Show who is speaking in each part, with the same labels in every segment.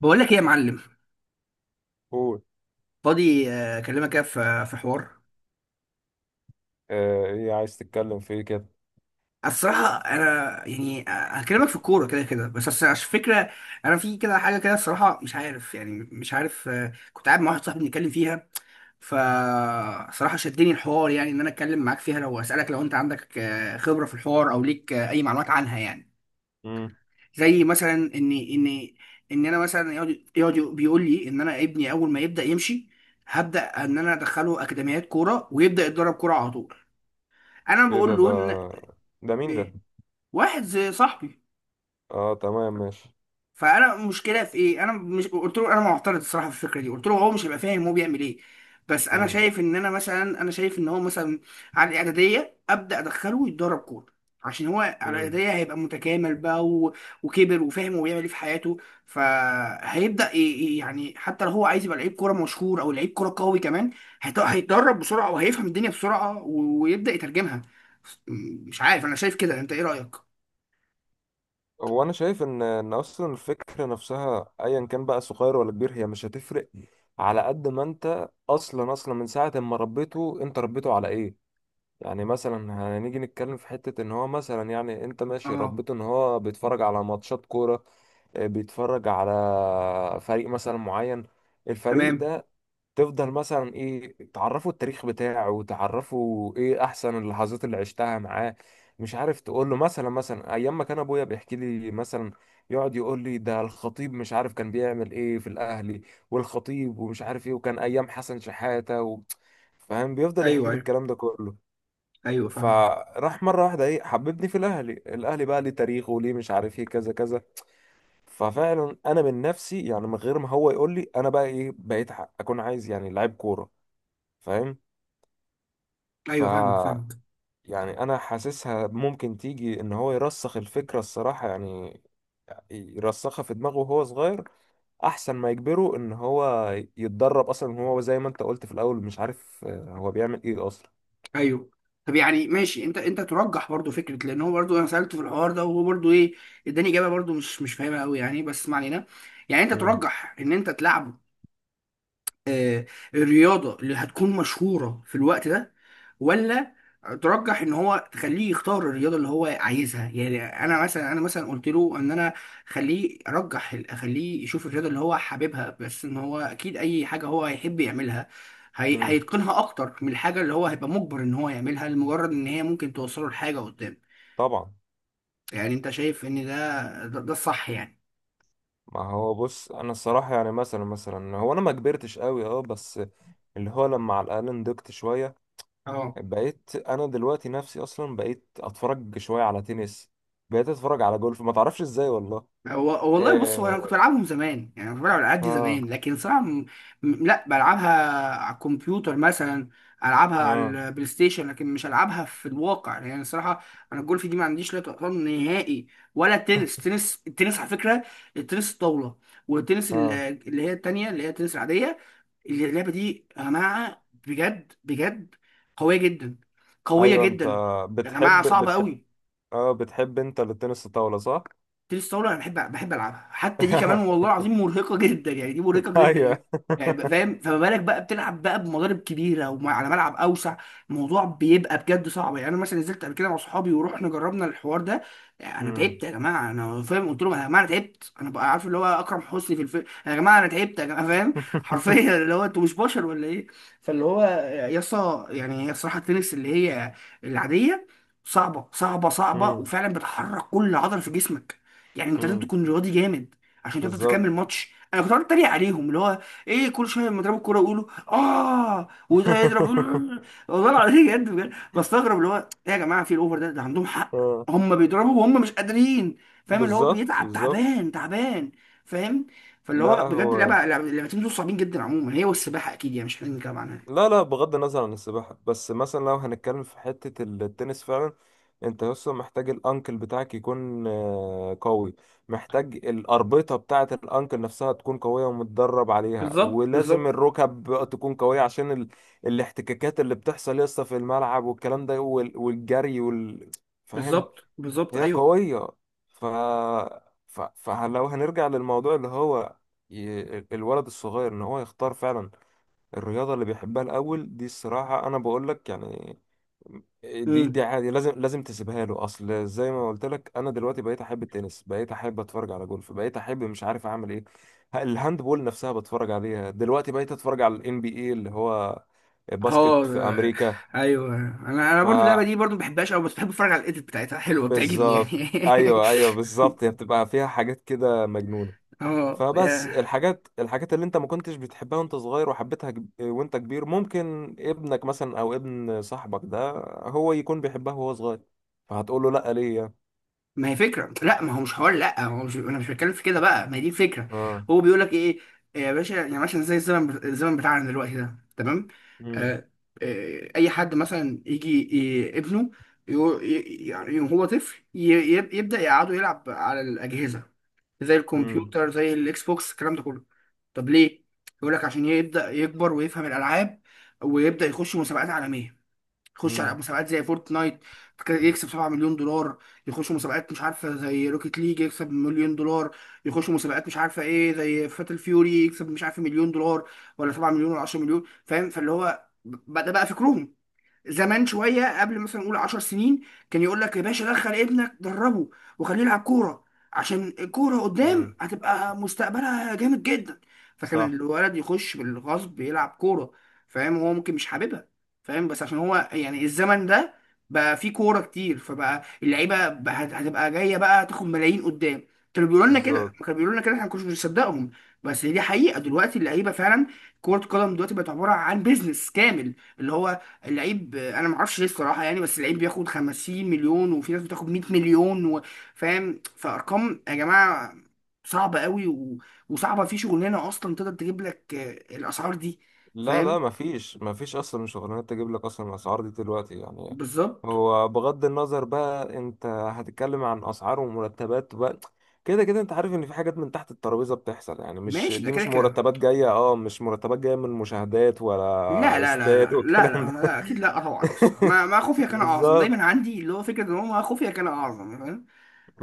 Speaker 1: بقول لك ايه يا معلم؟
Speaker 2: قول.
Speaker 1: فاضي؟ اكلمك كده في حوار.
Speaker 2: ايه عايز تتكلم في ايه كده؟
Speaker 1: الصراحه انا، يعني هكلمك في الكوره كده كده، بس أصل عشان فكره. انا في كده حاجه كده، الصراحه مش عارف، كنت قاعد مع واحد صاحبي بنتكلم فيها. فصراحه شدني الحوار، يعني ان انا اتكلم معاك فيها. لو اسالك، لو انت عندك خبره في الحوار، او ليك اي معلومات عنها يعني.
Speaker 2: مم.
Speaker 1: زي مثلا ان انا مثلا، يقعد بيقول لي ان انا ابني اول ما يبدا يمشي هبدا ان انا ادخله اكاديميات كوره، ويبدا يتدرب كوره على طول. انا
Speaker 2: ايه
Speaker 1: بقول
Speaker 2: ده. ده
Speaker 1: له ان،
Speaker 2: ده مين ده؟
Speaker 1: إيه؟ واحد زي صاحبي.
Speaker 2: اه، تمام ماشي.
Speaker 1: فانا المشكله في ايه، انا مش قلت له انا معترض الصراحه في الفكره دي، قلت له هو مش هيبقى فاهم هو بيعمل ايه. بس انا
Speaker 2: مم.
Speaker 1: شايف ان انا مثلا، انا شايف ان هو مثلا على الاعداديه ابدا ادخله يتدرب كوره، عشان هو على
Speaker 2: مم.
Speaker 1: الاعداديه هيبقى متكامل بقى. وكبر وفاهم هو بيعمل ايه في حياته، فهيبدا يعني حتى لو هو عايز يبقى لعيب كوره مشهور، او لعيب كوره قوي كمان، هيتدرب بسرعه وهيفهم الدنيا بسرعه، ويبدا يترجمها. مش عارف، انا شايف كده. انت ايه رايك؟
Speaker 2: هو انا شايف ان اصلا الفكره نفسها، ايا كان بقى صغير ولا كبير، هي مش هتفرق. على قد ما انت اصلا من ساعه ما ربيته، انت ربيته على ايه؟ يعني مثلا، هنيجي نتكلم في حته ان هو مثلا، يعني انت ماشي
Speaker 1: اه،
Speaker 2: ربيته ان هو بيتفرج على ماتشات كوره. بيتفرج على فريق مثلا معين، الفريق
Speaker 1: تمام.
Speaker 2: ده. تفضل مثلا، ايه، تعرفوا التاريخ بتاعه وتعرفوا ايه احسن اللحظات اللي عشتها معاه. مش عارف، تقول له مثلا ايام ما كان ابويا بيحكي لي مثلا، يقعد يقول لي ده الخطيب مش عارف كان بيعمل ايه في الاهلي، والخطيب ومش عارف ايه، وكان ايام حسن شحاتة و... فاهم، بيفضل
Speaker 1: ايوه،
Speaker 2: يحكي لي
Speaker 1: ايوه،
Speaker 2: الكلام ده كله.
Speaker 1: ايوه فاهمك.
Speaker 2: فراح مرة واحدة، ايه، حببني في الاهلي. الاهلي بقى ليه تاريخه، وليه مش عارف ايه، كذا كذا. ففعلا انا من نفسي يعني، من غير ما هو يقول لي، انا بقى ايه، بقيت اكون عايز يعني لعيب كورة، فاهم. ف
Speaker 1: ايوه فاهمك فاهمك.
Speaker 2: يعني انا حاسسها ممكن تيجي ان هو يرسخ الفكره الصراحه يعني، يرسخها في دماغه وهو صغير، احسن ما يجبره ان هو يتدرب اصلا. هو زي ما انت قلت في الاول، مش عارف هو بيعمل ايه اصلا.
Speaker 1: ايوه. طب يعني ماشي، انت ترجح برضو فكره، لان هو برضو انا سالته في الحوار ده وهو برضو ايه، اداني اجابه برضو مش فاهمها قوي يعني، بس ما علينا. يعني انت
Speaker 2: امم.
Speaker 1: ترجح ان انت تلعبه آه، الرياضة اللي هتكون مشهورة في الوقت ده، ولا ترجح ان هو تخليه يختار الرياضة اللي هو عايزها؟ يعني انا مثلا، انا مثلا قلت له ان انا خليه، ارجح اخليه يشوف الرياضة اللي هو حاببها، بس ان هو اكيد اي حاجة هو هيحب يعملها
Speaker 2: امم.
Speaker 1: هيتقنها اكتر من الحاجة اللي هو هيبقى مجبر ان هو يعملها، لمجرد ان هي ممكن توصله لحاجة قدام.
Speaker 2: طبعا.
Speaker 1: يعني انت شايف ان ده الصح يعني؟
Speaker 2: ما هو بص، انا الصراحه يعني مثلا هو انا ما كبرتش قوي، اه بس اللي هو لما على الاقل نضجت شويه،
Speaker 1: اه.
Speaker 2: بقيت انا دلوقتي نفسي اصلا بقيت اتفرج شويه على تنس، بقيت اتفرج على جولف، ما تعرفش ازاي والله.
Speaker 1: هو والله بص، هو انا كنت
Speaker 2: إيه.
Speaker 1: بلعبهم زمان، يعني كنت بلعب الالعاب دي
Speaker 2: اه.
Speaker 1: زمان، لكن صراحه، لا بلعبها على الكمبيوتر مثلا، العبها على
Speaker 2: اه.
Speaker 1: البلاي ستيشن، لكن مش العبها في الواقع يعني الصراحه. انا الجولف دي ما عنديش لا طقطان نهائي، ولا التنس. التنس التنس على فكره، التنس الطاوله، والتنس ال-
Speaker 2: اه.
Speaker 1: اللي هي التانيه، اللي هي التنس العاديه، اللعبه دي يا جماعه بجد بجد قويه جدا، قويه
Speaker 2: ايوه، انت
Speaker 1: جدا. يا جماعه
Speaker 2: بتحب
Speaker 1: صعبه
Speaker 2: بتحب
Speaker 1: قوي.
Speaker 2: اه، بتحب انت التنس الطاولة، صح؟
Speaker 1: تنس طاوله انا بحب، العبها حتى دي كمان، والله العظيم مرهقه جدا يعني، دي مرهقه جدا يعني.
Speaker 2: ايوه.
Speaker 1: يعني فاهم؟ فما بالك بقى بتلعب بقى بمضارب كبيره وعلى ملعب اوسع، الموضوع بيبقى بجد صعب يعني. انا مثلا نزلت قبل كده مع صحابي ورحنا جربنا الحوار ده، انا
Speaker 2: مم.
Speaker 1: تعبت يا جماعه انا، فاهم؟ قلت لهم يا جماعه انا تعبت، انا بقى عارف اللي هو اكرم حسني في الفيلم، يا جماعه انا تعبت يا جماعه، فاهم حرفيا اللي هو انتوا مش بشر ولا ايه. فاللي هو يا اسطى يعني، هي الصراحه التنس اللي هي العاديه صعبه صعبه صعبه،
Speaker 2: مم.
Speaker 1: وفعلا بتحرك كل عضله في جسمك. يعني انت لازم
Speaker 2: مم.
Speaker 1: تكون رياضي جامد عشان تقدر
Speaker 2: بالظبط.
Speaker 1: تكمل ماتش. انا كنت قاعد اتريق عليهم، اللي هو ايه، كل شويه لما يضربوا الكوره يقولوا اه، وده يضرب يقولوا آه. والله العظيم بجد بجد بستغرب، اللي هو ايه يا جماعه، في الاوفر ده عندهم حق،
Speaker 2: اه،
Speaker 1: هم بيضربوا وهم مش قادرين. فاهم؟ اللي هو
Speaker 2: بالظبط
Speaker 1: بيتعب،
Speaker 2: بالظبط.
Speaker 1: تعبان تعبان. فاهم؟ فاللي
Speaker 2: لا،
Speaker 1: هو بجد
Speaker 2: هو،
Speaker 1: اللعبه، اللعبتين دول صعبين جدا عموما، هي والسباحه اكيد، يعني مش محتاجين نتكلم عنها.
Speaker 2: لا لا، بغض النظر عن السباحة، بس مثلا لو هنتكلم في حتة التنس فعلا، انت لسه محتاج الانكل بتاعك يكون قوي. محتاج الأربطة بتاعة الانكل نفسها تكون قوية ومتدرب عليها،
Speaker 1: بالظبط،
Speaker 2: ولازم
Speaker 1: بالظبط،
Speaker 2: الركب تكون قوية عشان الاحتكاكات اللي بتحصل لسه في الملعب والكلام ده والجري فاهم.
Speaker 1: بالظبط، بالظبط.
Speaker 2: هي
Speaker 1: ايوه.
Speaker 2: قوية. ف... فلو هنرجع للموضوع اللي هو، الولد الصغير ان هو يختار فعلا الرياضة اللي بيحبها الأول. دي الصراحة أنا بقول لك يعني، دي
Speaker 1: مم.
Speaker 2: دي عادي، لازم لازم تسيبها له. أصل زي ما قلت لك، أنا دلوقتي بقيت أحب التنس، بقيت أحب أتفرج على جولف، بقيت أحب مش عارف أعمل إيه. الهاند بول نفسها بتفرج عليها دلوقتي، بقيت أتفرج على ال NBA اللي هو
Speaker 1: اه
Speaker 2: باسكت في
Speaker 1: ده-
Speaker 2: أمريكا.
Speaker 1: ايوه، انا
Speaker 2: ف
Speaker 1: برضو اللعبه دي برضو ما بحبهاش قوي، بس بحب اتفرج على الايديت بتاعتها، حلوه بتعجبني يعني.
Speaker 2: بالظبط، أيوه أيوه، بالظبط هي بتبقى فيها حاجات كده مجنونة.
Speaker 1: اه
Speaker 2: فبس
Speaker 1: يا-
Speaker 2: الحاجات اللي انت ما كنتش بتحبها وانت صغير وحبيتها وانت كبير، ممكن ابنك مثلا او ابن صاحبك ده هو يكون بيحبها وهو صغير. فهتقول له لا؟ ليه يعني؟
Speaker 1: ما هي فكره، لا ما هو مش حوار، لا هو مش، انا مش بتكلم في كده بقى، ما هي دي الفكره.
Speaker 2: اه.
Speaker 1: هو بيقول لك ايه يا باشا، يعني مثلا زي الزمن، بتاعنا دلوقتي ده تمام،
Speaker 2: امم.
Speaker 1: آه اي حد مثلا يجي ابنه، يو- ي- يعني هو طفل، يبدا يقعده يلعب على الاجهزه، زي
Speaker 2: امم.
Speaker 1: الكمبيوتر زي الاكس بوكس الكلام ده كله. طب ليه؟ يقول لك عشان يبدأ يكبر ويفهم الألعاب، ويبدأ يخش مسابقات عالمية، يخش
Speaker 2: امم.
Speaker 1: على مسابقات زي فورتنايت، يكسب 7 مليون دولار، يخش مسابقات مش عارفة زي روكيت ليج يكسب مليون دولار، يخش مسابقات مش عارفة ايه زي فاتل فيوري يكسب مش عارف مليون دولار ولا 7 مليون ولا 10 مليون. فاهم؟ ده بقى فكرهم. زمان شويه قبل، مثلا نقول 10 سنين، كان يقول لك يا باشا دخل ابنك دربه وخليه يلعب كوره، عشان الكوره
Speaker 2: امم.
Speaker 1: قدام هتبقى مستقبلها جامد جدا. فكان
Speaker 2: صح.
Speaker 1: الولد يخش بالغصب يلعب كوره، فاهم؟ هو ممكن مش حاببها، فاهم؟ بس عشان هو يعني، الزمن ده بقى فيه كوره كتير، فبقى اللعيبه بقى هتبقى جايه بقى تاخد ملايين قدام. كانوا بيقولوا لنا كده،
Speaker 2: بالظبط.
Speaker 1: كانوا بيقولوا لنا كده احنا ما كناش بنصدقهم، بس دي حقيقه دلوقتي اللعيبه فعلا. كرة القدم دلوقتي بقت عبارة عن بيزنس كامل، اللي هو اللعيب، انا ما اعرفش ليه الصراحه يعني، بس اللعيب بياخد 50 مليون، وفي ناس بتاخد 100 مليون فاهم؟ فارقام يا جماعه صعبه قوي، وصعبه في شغلانه اصلا تقدر تجيب لك الاسعار دي.
Speaker 2: لا
Speaker 1: فاهم؟
Speaker 2: لا، مفيش اصلا شغلانات تجيب لك اصلا الاسعار دي دلوقتي يعني.
Speaker 1: بالظبط.
Speaker 2: هو بغض النظر بقى، انت هتتكلم عن اسعار ومرتبات بقى. كده كده انت عارف ان في حاجات من تحت الترابيزه بتحصل يعني، مش
Speaker 1: ماشي، ده
Speaker 2: دي،
Speaker 1: كده
Speaker 2: مش
Speaker 1: كده.
Speaker 2: مرتبات جايه، اه مش مرتبات جايه من مشاهدات
Speaker 1: لا
Speaker 2: ولا
Speaker 1: لا لا
Speaker 2: استاد
Speaker 1: لا لا
Speaker 2: والكلام
Speaker 1: لا,
Speaker 2: ده.
Speaker 1: لا اكيد لا طبعا. يس، ما ما خفيا كان اعظم دايما
Speaker 2: بالظبط
Speaker 1: عندي، اللي هو فكره ان هو ما خفيا كان اعظم. فاهم؟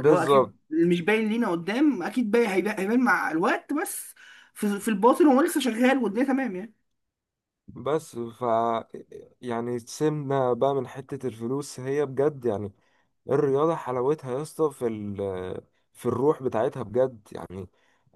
Speaker 1: اللي هو اكيد اللي مش باين لينا قدام اكيد باين هيبان، هيبان مع الوقت، بس في الباطن هو لسه شغال، والدنيا تمام يعني.
Speaker 2: بس يعني سيبنا بقى من حتة الفلوس، هي بجد يعني، الرياضة حلاوتها يا اسطى في الروح بتاعتها بجد يعني.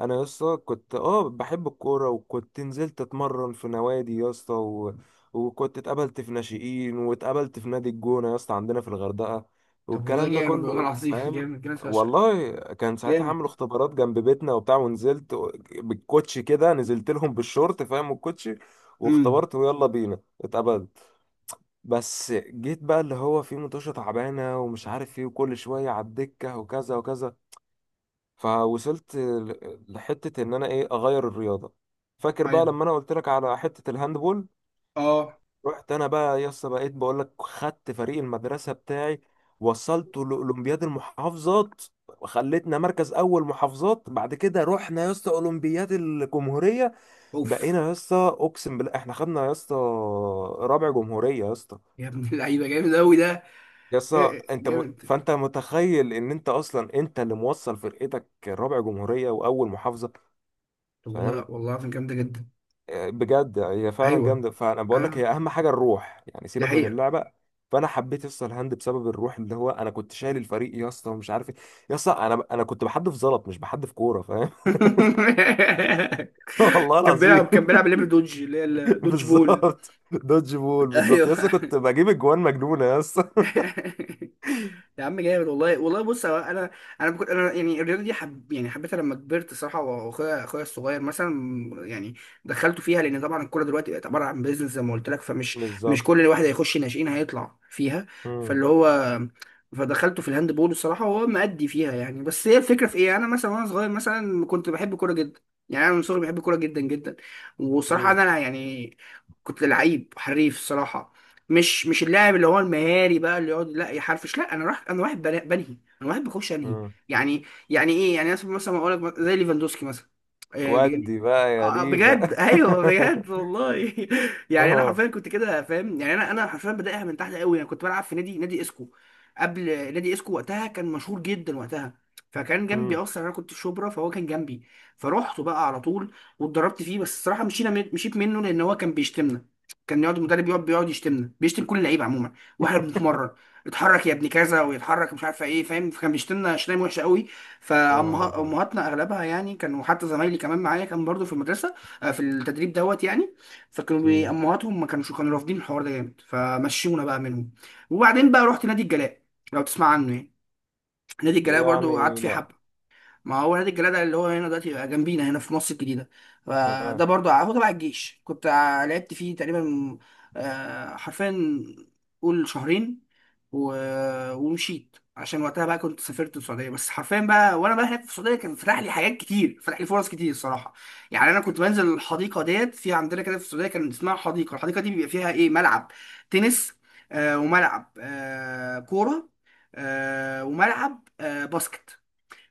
Speaker 2: انا يا اسطى كنت، بحب الكورة وكنت نزلت اتمرن في نوادي يا اسطى وكنت اتقابلت في ناشئين واتقابلت في نادي الجونة يا اسطى عندنا في الغردقة،
Speaker 1: طب والله
Speaker 2: والكلام ده
Speaker 1: جامد، والله
Speaker 2: كله
Speaker 1: العظيم
Speaker 2: فاهم.
Speaker 1: جامد جامد فشخ.
Speaker 2: والله كان ساعتها عاملوا
Speaker 1: جامد.
Speaker 2: اختبارات جنب بيتنا وبتاع، ونزلت بالكوتشي كده، نزلت لهم بالشورت، فاهم، الكوتشي،
Speaker 1: امم.
Speaker 2: واختبرت ويلا بينا اتقبلت. بس جيت بقى اللي هو في متوشة تعبانة ومش عارف ايه، وكل شوية على الدكة وكذا وكذا، فوصلت لحتة ان انا، ايه، اغير الرياضة. فاكر بقى
Speaker 1: ايوه.
Speaker 2: لما انا قلت لك على حتة الهاندبول،
Speaker 1: اه.
Speaker 2: رحت انا بقى يس، بقيت بقول لك، خدت فريق المدرسة بتاعي، وصلته لاولمبياد المحافظات، وخلتنا مركز اول محافظات. بعد كده رحنا يا اسطى اولمبياد الجمهورية،
Speaker 1: اوف.
Speaker 2: بقينا يا اسطى، اقسم بالله احنا خدنا يا اسطى رابع جمهوريه يا اسطى.
Speaker 1: يا ابن اللعيبه جامد قوي ده.
Speaker 2: يا
Speaker 1: إيه
Speaker 2: اسطى
Speaker 1: إيه،
Speaker 2: انت
Speaker 1: جامد.
Speaker 2: فانت متخيل ان انت اصلا انت اللي موصل فرقتك رابع جمهوريه واول محافظه،
Speaker 1: طب
Speaker 2: فاهم.
Speaker 1: والله، والله العظيم جامده جدا.
Speaker 2: بجد هي فعلا
Speaker 1: ايوه.
Speaker 2: جامده. فانا بقول لك هي
Speaker 1: اه.
Speaker 2: اهم حاجه الروح، يعني
Speaker 1: دي
Speaker 2: سيبك من
Speaker 1: حقيقه.
Speaker 2: اللعبه. فانا حبيت يا اسطى الهاند بسبب الروح، اللي هو انا كنت شايل الفريق يا اسطى ومش عارف ايه. يا اسطى، انا كنت بحدف زلط، مش بحدف كوره، فاهم. والله
Speaker 1: كان بيلعب،
Speaker 2: العظيم.
Speaker 1: كان بيلعب لعبه دوج، اللي هي الدوج بول.
Speaker 2: بالظبط، دوج بول بالظبط،
Speaker 1: ايوه.
Speaker 2: يا اسطى كنت بجيب اجوان مجنونه يا اسطى.
Speaker 1: يا عم جامد، والله والله بص، هو انا انا بكون انا يعني الرياضه دي حب، يعني حبيتها لما كبرت صراحه. اخويا الصغير مثلا، يعني دخلته فيها، لان طبعا الكوره دلوقتي بقت عباره عن بيزنس زي ما قلت لك، مش
Speaker 2: بالظبط.
Speaker 1: كل الواحد هيخش ناشئين هيطلع فيها.
Speaker 2: مم.
Speaker 1: فاللي هو فدخلته في الهاند بول الصراحه، وهو مأدي فيها يعني. بس هي الفكره في ايه، انا مثلا وانا صغير مثلا كنت بحب الكوره جدا، يعني انا من صغري بحب الكوره جدا جدا. وصراحه
Speaker 2: مم.
Speaker 1: انا، يعني كنت لعيب حريف الصراحه، مش اللاعب اللي هو المهاري بقى، اللي يقعد لا يحرفش، لا، انا راح، انا واحد بنهي، انا واحد بخش انهي
Speaker 2: مم.
Speaker 1: يعني. يعني ايه يعني، مثلا مثلا اقول لك زي ليفاندوسكي مثلا، يعني.
Speaker 2: ودي بقى يا ليفا.
Speaker 1: بجد ايوه بجد والله. يعني انا
Speaker 2: آه.
Speaker 1: حرفيا كنت كده، فاهم؟ يعني انا حرفيا بدايها من تحت قوي، انا كنت بلعب في نادي اسكو قبل. نادي اسكو وقتها كان مشهور جدا وقتها، فكان جنبي،
Speaker 2: مم.
Speaker 1: اصلا انا كنت في شبرا فهو كان جنبي، فروحته بقى على طول واتدربت فيه. بس الصراحه مشينا، مشيت منه لان هو كان بيشتمنا، كان يقعد المدرب يقعد يشتمنا، بيشتم كل اللعيبه عموما واحنا بنتمرن. اتحرك يا ابن كذا ويتحرك مش عارفه ايه، فاهم؟ فكان بيشتمنا شتايم وحشه قوي،
Speaker 2: يا نهار ابيض.
Speaker 1: فامهاتنا اغلبها يعني كانوا، حتى زمايلي كمان معايا كان برضو في المدرسه، في التدريب دوت يعني،
Speaker 2: مم.
Speaker 1: امهاتهم ما كانوش، كانوا رافضين الحوار ده جامد، فمشونا بقى منهم. وبعدين بقى رحت نادي الجلاء، لو تسمع عنه يعني. نادي الجلاء برضو قعدت
Speaker 2: يعني
Speaker 1: فيه
Speaker 2: لا.
Speaker 1: حبه. ما هو نادي الجلالة اللي هو هنا دلوقتي بقى جنبينا هنا في مصر الجديدة. فده
Speaker 2: آه.
Speaker 1: برضه هو تبع الجيش، كنت لعبت فيه تقريبا حرفيا قول شهرين، ومشيت عشان وقتها بقى كنت سافرت السعودية. بس حرفيا بقى وانا بقى هناك في السعودية، كان فتح لي حاجات كتير، فتح لي فرص كتير الصراحة. يعني انا كنت بنزل الحديقة ديت في عندنا كده في السعودية، كان اسمها حديقة، الحديقة دي بيبقى فيها ايه، ملعب تنس، وملعب كورة، وملعب باسكت.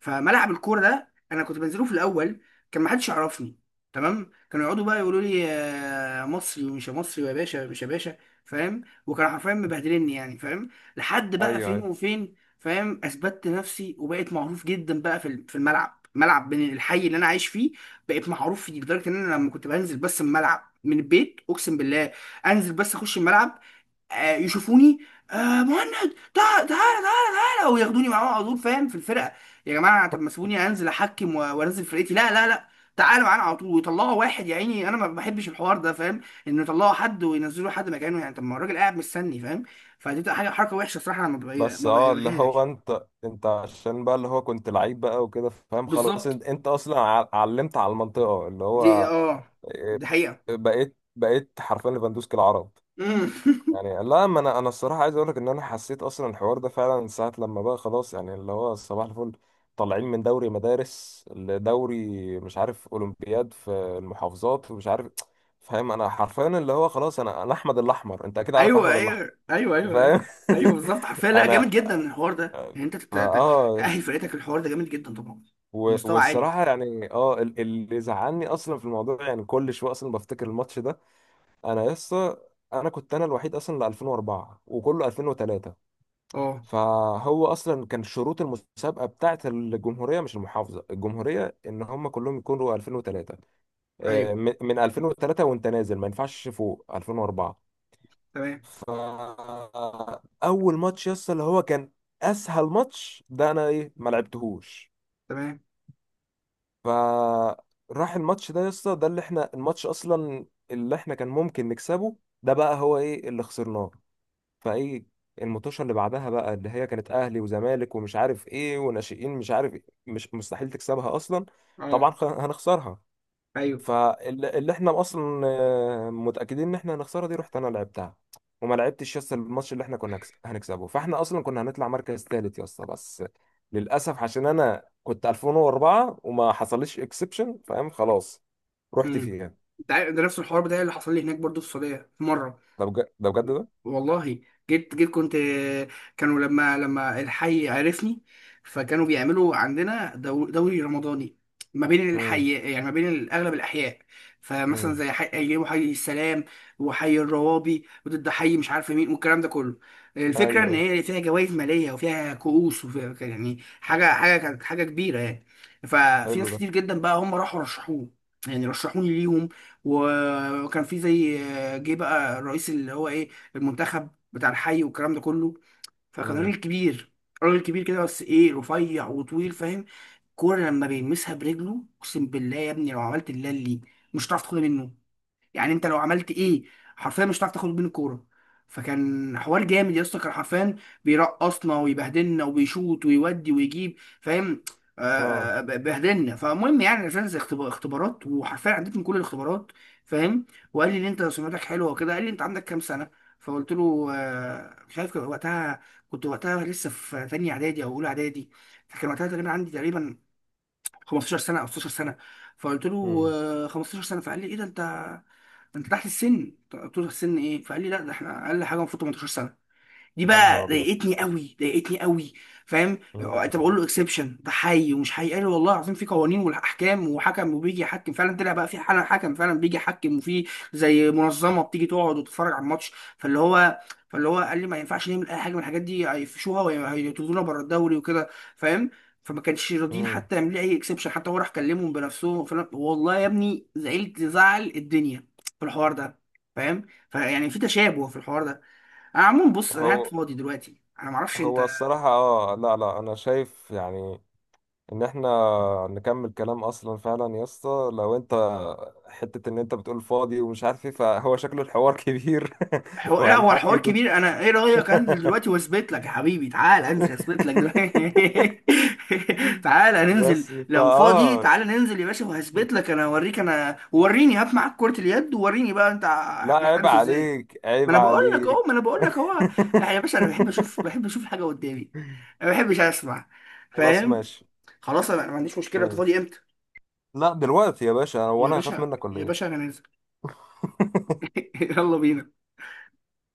Speaker 1: فملعب الكوره ده انا كنت بنزله في الاول كان ما حدش يعرفني، تمام؟ كانوا يقعدوا بقى يقولوا لي يا مصري ومش يا مصري، ويا باشا مش يا باشا، فاهم؟ وكانوا حرفيا مبهدلني يعني، فاهم؟ لحد بقى
Speaker 2: ايوه
Speaker 1: فين
Speaker 2: ايوه.
Speaker 1: وفين، فاهم؟ اثبتت نفسي وبقيت معروف جدا بقى في الملعب، ملعب بين الحي اللي انا عايش فيه. بقيت معروف فيه لدرجه ان انا لما كنت بنزل بس الملعب من البيت، اقسم بالله انزل بس اخش الملعب، يشوفوني، آه مهند تعال تعال تعال تعال، وياخدوني معاهم على طول، فاهم؟ في الفرقه. يا جماعه طب ما سيبوني انزل احكم وانزل فرقتي. لا لا لا، تعالوا معانا على طول، ويطلعوا واحد يا عيني، انا ما بحبش الحوار ده، فاهم؟ انه يطلعوا حد وينزلوا حد مكانه يعني، طب ما هو الراجل قاعد مستني، فاهم؟ فدي بتبقى حاجه، حركه وحشه صراحه، انا
Speaker 2: بس،
Speaker 1: ما
Speaker 2: اه، اللي هو
Speaker 1: بغيرش.
Speaker 2: انت عشان بقى اللي هو كنت لعيب بقى وكده، فاهم، خلاص
Speaker 1: بالظبط.
Speaker 2: انت اصلا علمت على المنطقة اللي
Speaker 1: دي
Speaker 2: هو.
Speaker 1: اه،
Speaker 2: إيه،
Speaker 1: دي حقيقه.
Speaker 2: بقيت حرفيا ليفاندوسكي العرب.
Speaker 1: مم.
Speaker 2: يعني لا، ما انا الصراحه عايز اقول لك ان انا حسيت اصلا الحوار ده فعلا ساعه لما بقى خلاص، يعني اللي هو صباح الفل، طالعين من دوري مدارس لدوري، مش عارف اولمبياد في المحافظات ومش عارف، فاهم. انا حرفيا اللي هو خلاص، انا احمد الاحمر، انت اكيد عارف
Speaker 1: ايوه
Speaker 2: احمد الاحمر،
Speaker 1: ايوه ايوه ايوه ايوه.
Speaker 2: فاهم.
Speaker 1: ايوه بالظبط، حرفيا. لا جامد
Speaker 2: انا،
Speaker 1: جدا الحوار ده، يعني انت
Speaker 2: اه،
Speaker 1: تأهل
Speaker 2: يس.
Speaker 1: فرقتك الحوار ده جامد جدا طبعا. مستوى عالي.
Speaker 2: والصراحه يعني اللي زعلني اصلا في الموضوع يعني، كل شويه اصلا بفتكر الماتش ده. انا لسه، انا كنت انا الوحيد اصلا ل 2004 وكله 2003.
Speaker 1: اه.
Speaker 2: فهو اصلا كان شروط المسابقه بتاعه الجمهوريه، مش المحافظه، الجمهوريه، ان هم كلهم يكونوا 2003.
Speaker 1: ايوه
Speaker 2: من 2003 وانت نازل، ما ينفعش فوق 2004.
Speaker 1: تمام
Speaker 2: فاول ماتش، يس اللي هو كان اسهل ماتش، ده انا ايه ما لعبتهوش.
Speaker 1: تمام.
Speaker 2: فراح الماتش ده يس، ده اللي احنا الماتش اصلا اللي احنا كان ممكن نكسبه، ده بقى هو ايه اللي خسرناه. فايه المطوشه اللي بعدها بقى، اللي هي كانت اهلي وزمالك ومش عارف ايه وناشئين مش عارف إيه، مش مستحيل تكسبها اصلا،
Speaker 1: اه.
Speaker 2: طبعا هنخسرها.
Speaker 1: ايوه.
Speaker 2: فاللي احنا اصلا متاكدين ان احنا هنخسرها دي، رحت انا لعبتها. وما لعبتش يس الماتش اللي احنا كنا هنكسبه، فاحنا اصلا كنا هنطلع مركز ثالث يس، بس للاسف عشان انا كنت 2004 وما حصلش اكسبشن، فاهم خلاص، رحت
Speaker 1: امم.
Speaker 2: فيها.
Speaker 1: ده نفس الحوار بتاعي اللي حصل لي هناك برضو في السعوديه في مره.
Speaker 2: ده بجد، ده بجد ده.
Speaker 1: والله جيت كنت، كانوا لما الحي عرفني، فكانوا بيعملوا عندنا دوري رمضاني ما بين
Speaker 2: امم.
Speaker 1: الحي، يعني ما بين اغلب الاحياء. فمثلا
Speaker 2: امم.
Speaker 1: زي حي، ايام حي السلام وحي الروابي، وضد حي مش عارف مين، والكلام ده كله.
Speaker 2: ايوه
Speaker 1: الفكره ان
Speaker 2: ايوه.
Speaker 1: هي فيها جوائز ماليه وفيها كؤوس، وفيها يعني حاجه، كانت حاجه كبيره يعني. ففي
Speaker 2: حلو
Speaker 1: ناس
Speaker 2: ده.
Speaker 1: كتير جدا بقى هم راحوا رشحوه، يعني رشحوني ليهم. وكان في زي، جه بقى الرئيس اللي هو ايه، في المنتخب بتاع الحي والكلام ده كله. فكان
Speaker 2: امم.
Speaker 1: راجل كبير، راجل كبير كده، بس ايه، رفيع وطويل، فاهم؟ الكوره لما بيلمسها برجله اقسم بالله يا ابني، لو عملت اللي، مش هتعرف تاخدها منه. يعني انت لو عملت ايه حرفيا مش هتعرف تاخد بين الكوره. فكان حوار جامد يا اسطى، كان حرفيا بيرقصنا ويبهدلنا، وبيشوط ويودي ويجيب، فاهم؟
Speaker 2: اه.
Speaker 1: بهدلنا. فالمهم يعني عشان زي اختبارات، وحرفيا عديت من كل الاختبارات، فاهم؟ وقال لي ان انت سمعتك حلوه وكده، قال لي انت عندك كام سنه؟ فقلت له مش عارف كان وقتها، كنت وقتها لسه في تانية اعدادي او اولى اعدادي، فكان وقتها تقريبا عندي تقريبا 15 سنه او 16 سنه. فقلت له 15 سنه، فقال لي ايه ده انت، انت تحت السن. قلت له السن ايه؟ فقال لي لا ده احنا اقل حاجه المفروض 18 سنه. دي
Speaker 2: يا نهار
Speaker 1: بقى
Speaker 2: ابيض.
Speaker 1: ضايقتني قوي، ضايقتني قوي، فاهم؟
Speaker 2: مم.
Speaker 1: طب اقول له اكسبشن، ده حي ومش حي، قال لي والله العظيم في قوانين والاحكام، وحكم وبيجي يحكم فعلا، طلع بقى في حالا حكم فعلا بيجي يحكم، وفي زي منظمه بتيجي تقعد وتتفرج على الماتش. فاللي هو، فاللي هو قال لي ما ينفعش نعمل اي حاجه من الحاجات دي، هيفشوها وهيطردونا بره الدوري وكده، فاهم؟ فما كانش راضيين
Speaker 2: مم.
Speaker 1: حتى يعملوا لي اي اكسبشن، حتى هو راح كلمهم بنفسهم. والله يا ابني زعلت زعل الدنيا في الحوار ده، فاهم؟ فيعني في تشابه في الحوار ده. انا عموما بص، انا
Speaker 2: هو
Speaker 1: قاعد فاضي دلوقتي، انا معرفش انت.
Speaker 2: هو الصراحة، اه، لا لا، انا شايف يعني ان احنا نكمل كلام اصلا فعلا يا اسطى، لو انت حتة ان انت بتقول فاضي ومش عارف ايه، فهو شكله الحوار كبير.
Speaker 1: لا هو
Speaker 2: وهنحكي
Speaker 1: الحوار كبير، انا ايه رايك انزل دلوقتي واثبت لك يا حبيبي، تعال انزل اثبت لك دلوقتي. تعال ننزل
Speaker 2: بس
Speaker 1: لو فاضي، تعال ننزل يا باشا وهثبت لك انا، اوريك انا، وريني، هات معاك كرة اليد ووريني بقى انت
Speaker 2: لا عيب
Speaker 1: محترف ازاي.
Speaker 2: عليك،
Speaker 1: ما
Speaker 2: عيب
Speaker 1: انا بقول لك اهو،
Speaker 2: عليك.
Speaker 1: ما انا بقول لك اهو. اه يا باشا، انا بحب اشوف، بحب اشوف حاجه قدامي، ما بحبش اسمع،
Speaker 2: خلاص
Speaker 1: فاهم؟
Speaker 2: ماشي.
Speaker 1: خلاص، انا ما عنديش مشكله، انت
Speaker 2: ماشي.
Speaker 1: فاضي امتى؟
Speaker 2: لا، دلوقتي يا باشا، هو
Speaker 1: يا
Speaker 2: انا هخاف
Speaker 1: باشا
Speaker 2: منك ولا
Speaker 1: يا
Speaker 2: ايه؟
Speaker 1: باشا انا نازل. يلا بينا.